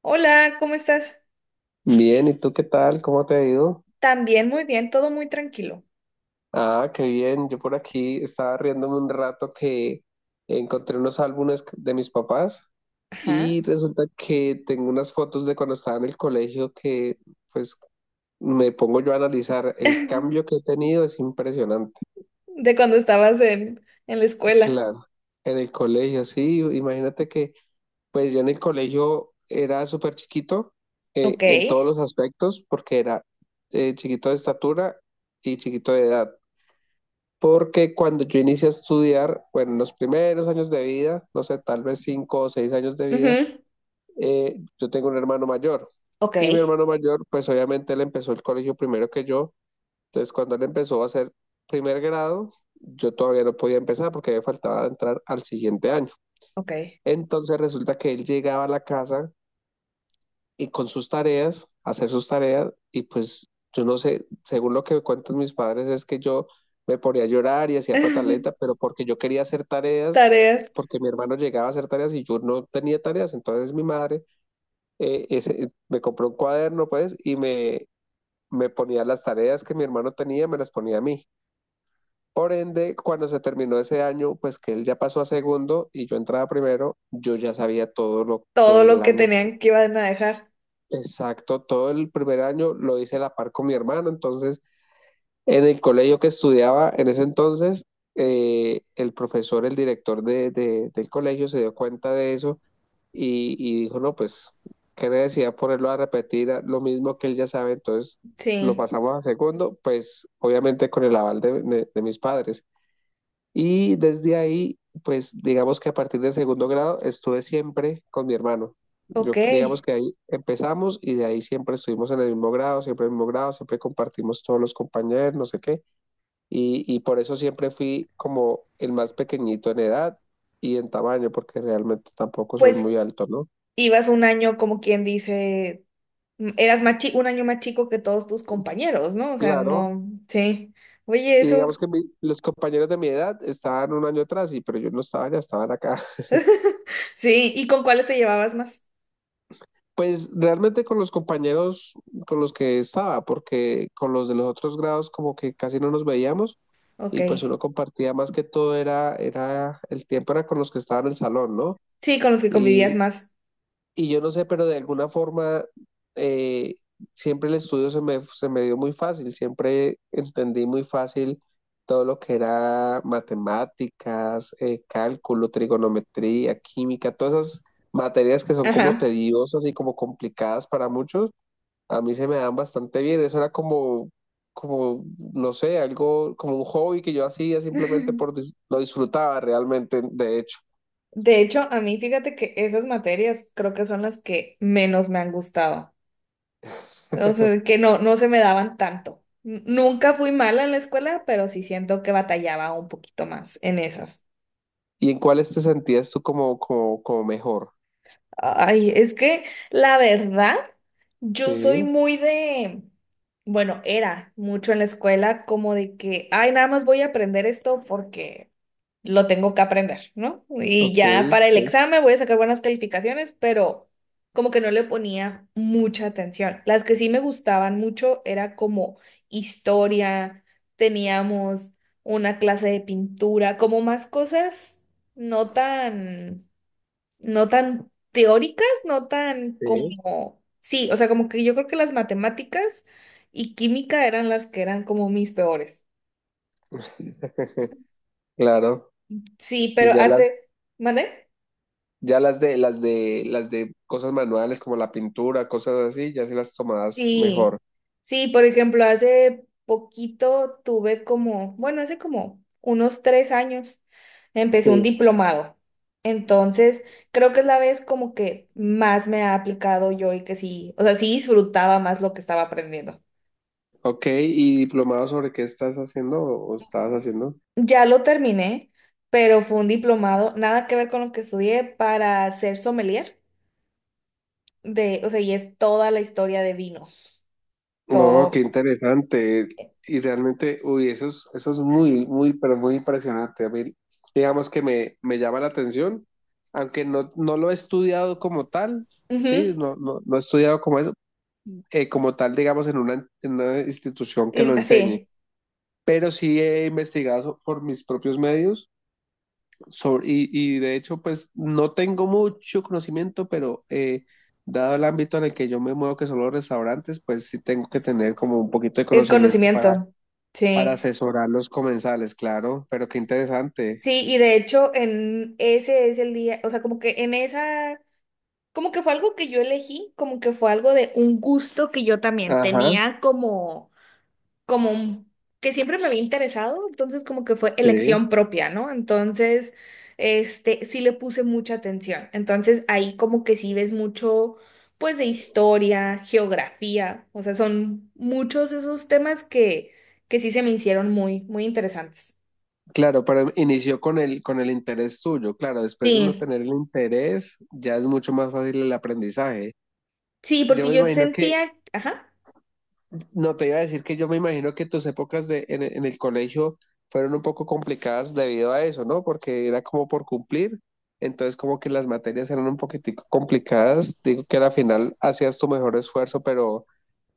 Hola, ¿cómo estás? Bien, ¿y tú qué tal? ¿Cómo te ha ido? También muy bien, todo muy tranquilo. Ah, qué bien. Yo por aquí estaba riéndome un rato que encontré unos álbumes de mis papás Ajá. y resulta que tengo unas fotos de cuando estaba en el colegio que pues me pongo yo a analizar. El cambio que he tenido es impresionante. De cuando estabas en la escuela. Claro, en el colegio, sí. Imagínate que pues yo en el colegio era súper chiquito, Ok. en todos los aspectos porque era chiquito de estatura y chiquito de edad. Porque cuando yo inicié a estudiar, bueno, en los primeros años de vida, no sé, tal vez cinco o seis años de vida, Ujú. Yo tengo un hermano mayor. Ok. Y mi hermano mayor, pues obviamente él empezó el colegio primero que yo. Entonces, cuando él empezó a hacer primer grado, yo todavía no podía empezar porque me faltaba entrar al siguiente año. Ok. Entonces resulta que él llegaba a la casa y con sus tareas, hacer sus tareas, y pues yo no sé, según lo que cuentan mis padres es que yo me ponía a llorar y hacía pataleta, pero porque yo quería hacer tareas, Tareas, porque mi hermano llegaba a hacer tareas y yo no tenía tareas, entonces mi madre me compró un cuaderno, pues, y me ponía las tareas que mi hermano tenía, me las ponía a mí. Por ende, cuando se terminó ese año, pues que él ya pasó a segundo y yo entraba primero, yo ya sabía todo todo lo el que año. tenían que iban a dejar. Exacto, todo el primer año lo hice a la par con mi hermana, entonces en el colegio que estudiaba en ese entonces, el profesor, el director del colegio se dio cuenta de eso y dijo, no, pues, qué necesidad ponerlo a repetir lo mismo que él ya sabe, entonces lo Sí. pasamos a segundo, pues obviamente con el aval de mis padres. Y desde ahí, pues digamos que a partir del segundo grado estuve siempre con mi hermano. Ok. Yo digamos que ahí empezamos y de ahí siempre estuvimos en el mismo grado, siempre en el mismo grado, siempre compartimos todos los compañeros, no sé qué. Y por eso siempre fui como el más pequeñito en edad y en tamaño, porque realmente tampoco soy Pues muy alto, ¿no? ibas un año, como quien dice, un año más chico que todos tus compañeros, ¿no? O sea, Claro. no, sí. Oye, Y eso. digamos que los compañeros de mi edad estaban un año atrás, pero yo no estaba, ya estaban acá. Sí, ¿y con cuáles te llevabas más? Pues realmente con los compañeros con los que estaba, porque con los de los otros grados como que casi no nos veíamos Ok. y pues uno compartía más que todo el tiempo era con los que estaban en el salón, ¿no? Sí, con los que convivías más. Y yo no sé, pero de alguna forma eh, siempre el estudio se me dio muy fácil, siempre entendí muy fácil todo lo que era matemáticas, cálculo, trigonometría, química, todas esas materias que son como Ajá. tediosas y como complicadas para muchos, a mí se me dan bastante bien. Eso era como, no sé, algo como un hobby que yo hacía simplemente lo disfrutaba realmente, de hecho. De hecho, a mí fíjate que esas materias creo que son las que menos me han gustado. O sea, que no, no se me daban tanto. Nunca fui mala en la escuela, pero sí siento que batallaba un poquito más en esas. ¿Y en cuáles te sentías tú como mejor? Ay, es que la verdad, yo soy Sí, muy de, bueno, era mucho en la escuela como de que, ay, nada más voy a aprender esto porque lo tengo que aprender, ¿no? Y ok, ya para el sí, examen voy a sacar buenas calificaciones, pero como que no le ponía mucha atención. Las que sí me gustaban mucho era como historia, teníamos una clase de pintura, como más cosas no tan no tan teóricas, no tan sí. como, sí, o sea, como que yo creo que las matemáticas y química eran las que eran como mis peores. Claro. Sí, Y pero hace, ¿mande? Las de cosas manuales como la pintura, cosas así, ya sí las tomabas mejor. Sí, sí, por ejemplo, hace poquito tuve como, bueno, hace como unos tres años empecé Sí. un diplomado. Entonces, creo que es la vez como que más me ha aplicado yo y que sí, o sea, sí disfrutaba más lo que estaba aprendiendo. Ok, ¿y diplomado sobre qué estás haciendo o estabas haciendo? Ya lo terminé, pero fue un diplomado, nada que ver con lo que estudié, para ser sommelier de, o sea, y es toda la historia de vinos, No, qué todo. interesante. Y realmente, uy, eso es muy, muy, pero muy impresionante. A mí, digamos que me llama la atención, aunque no lo he estudiado como tal, sí, Ujú, no he estudiado como eso, como tal, digamos, en una institución que lo enseñe, sí, pero sí he investigado por mis propios medios y de hecho, pues no tengo mucho conocimiento, pero dado el ámbito en el que yo me muevo, que son los restaurantes, pues sí tengo que tener como un poquito de el conocimiento para, conocimiento. para Sí. asesorar los comensales, claro, pero qué interesante. Sí, y de hecho en ese es el día, o sea, como que en esa como que fue algo que yo elegí, como que fue algo de un gusto que yo también Ajá, tenía como como. Que siempre me había interesado, entonces como que fue sí, elección propia, ¿no? Entonces, este, sí le puse mucha atención. Entonces ahí como que sí ves mucho, pues de historia, geografía, o sea, son muchos esos temas que sí se me hicieron muy, muy interesantes. claro, pero inició con el interés suyo, claro, después de uno Sí, tener el interés, ya es mucho más fácil el aprendizaje. sí, Yo porque me yo imagino que sentía, ajá. No, te iba a decir que yo me imagino que tus épocas en el colegio fueron un poco complicadas debido a eso, ¿no? Porque era como por cumplir, entonces como que las materias eran un poquitico complicadas. Digo que al final hacías tu mejor esfuerzo, pero,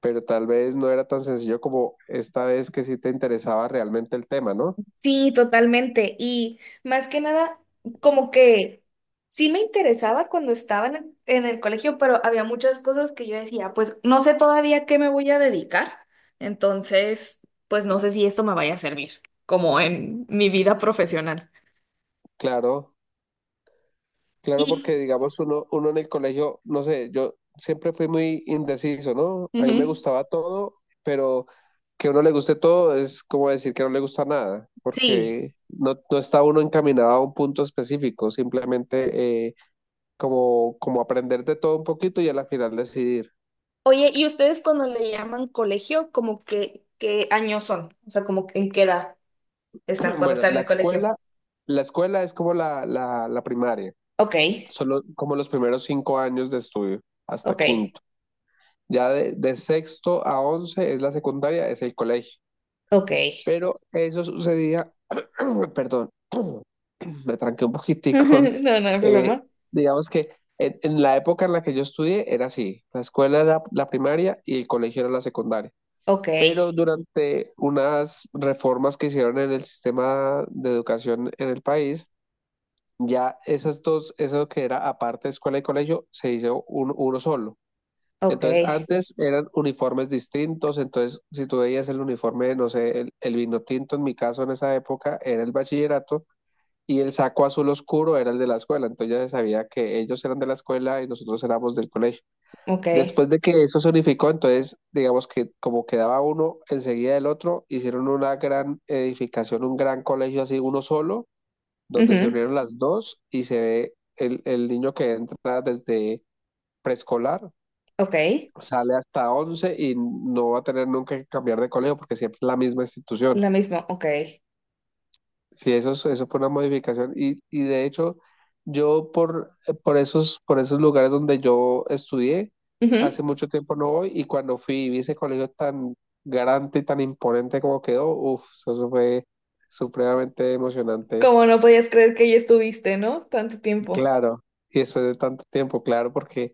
pero tal vez no era tan sencillo como esta vez que sí te interesaba realmente el tema, ¿no? Sí, totalmente. Y más que nada, como que sí me interesaba cuando estaba en el colegio, pero había muchas cosas que yo decía, pues no sé todavía qué me voy a dedicar. Entonces, pues no sé si esto me vaya a servir, como en mi vida profesional. Claro. Claro, Y porque digamos uno en el colegio, no sé, yo siempre fui muy indeciso, ¿no? A mí me ujú, gustaba todo, pero que a uno le guste todo es como decir que no le gusta nada, sí. porque no está uno encaminado a un punto específico, simplemente como aprender de todo un poquito y a la final decidir. Oye, ¿y ustedes cuando le llaman colegio, como que qué años son? O sea, como que en qué edad están cuando Bueno, están en la el colegio. escuela, la escuela es como la primaria, Ok, solo como los primeros cinco años de estudio, hasta ok, quinto. Ya de sexto a once es la secundaria, es el colegio. ok. Pero eso sucedía, perdón, me tranqué un poquitico. No, no hay eh, problema. digamos que en la época en la que yo estudié era así, la escuela era la primaria y el colegio era la secundaria. Ok, Pero durante unas reformas que hicieron en el sistema de educación en el país, ya esas dos, eso que era aparte escuela y colegio, se hizo uno solo. ok, Entonces, antes eran uniformes distintos, entonces si tú veías el uniforme, no sé, el vino tinto en mi caso en esa época era el bachillerato y el saco azul oscuro era el de la escuela, entonces ya se sabía que ellos eran de la escuela y nosotros éramos del colegio. ok. Después de que eso se unificó, entonces digamos que como quedaba uno enseguida del otro, hicieron una gran edificación, un gran colegio así, uno solo, donde se Ujú, unieron las dos y se ve el niño que entra desde preescolar ok. sale hasta 11 y no va a tener nunca que cambiar de colegio porque siempre es la misma institución. La misma, ok. Sí, eso, eso fue una modificación y de hecho yo por, por esos lugares donde yo estudié, hace Ujú. mucho tiempo no voy y cuando fui y vi ese colegio tan grande y tan imponente como quedó, uff, eso fue supremamente emocionante. Como no podías creer que ya estuviste, ¿no? Tanto tiempo. Claro, y después de tanto tiempo, claro, porque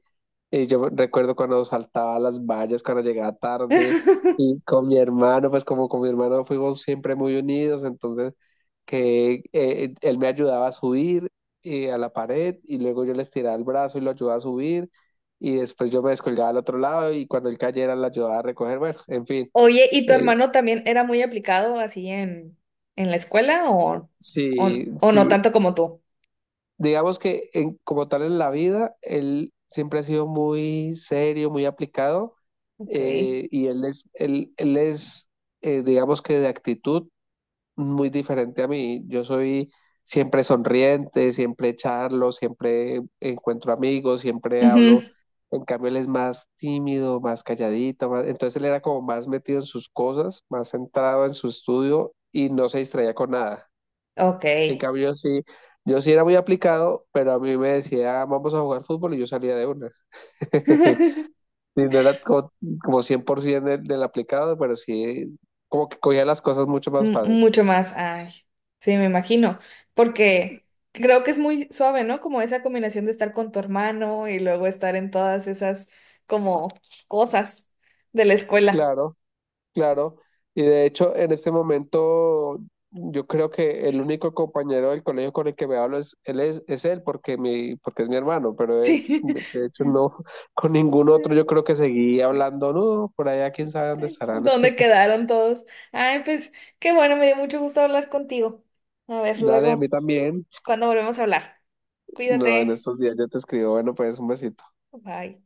yo recuerdo cuando saltaba las vallas, cuando llegaba tarde, y con mi hermano, pues como con mi hermano fuimos siempre muy unidos, entonces que él me ayudaba a subir, a la pared y luego yo le estiraba el brazo y lo ayudaba a subir y después yo me descolgaba al otro lado y cuando él cayera lo ayudaba a recoger, bueno, en fin, Oye, ¿y tu eh, hermano también era muy aplicado así en la escuela o, sí, o no sí, tanto como tú? digamos que como tal en la vida, él siempre ha sido muy serio, muy aplicado, Ok. Y él es digamos que de actitud muy diferente a mí. Yo soy siempre sonriente, siempre charlo, siempre encuentro amigos, siempre Ujú, hablo. En cambio, él es más tímido, más calladito, entonces él era como más metido en sus cosas, más centrado en su estudio y no se distraía con nada. Ok. En cambio, yo sí, era muy aplicado, pero a mí me decía, vamos a jugar fútbol y yo salía de una. Y no era como 100% del aplicado, pero sí, como que cogía las cosas mucho más fácil. Mucho más, ay, sí, me imagino, porque creo que es muy suave, ¿no? Como esa combinación de estar con tu hermano y luego estar en todas esas como cosas de la escuela. Claro, claro. Y de hecho, en este momento, yo creo que el único compañero del colegio con el que me hablo es él, es él porque, porque es mi hermano, pero de hecho, de- de hecho no, con ningún otro yo creo que seguí Sí. hablando, no, por allá quién sabe dónde estarán. ¿Dónde quedaron todos? Ay, pues qué bueno, me dio mucho gusto hablar contigo. A ver, Dale, a mí luego, también. cuando volvemos a hablar. No, en Cuídate. estos días yo te escribo, bueno, pues un besito. Bye.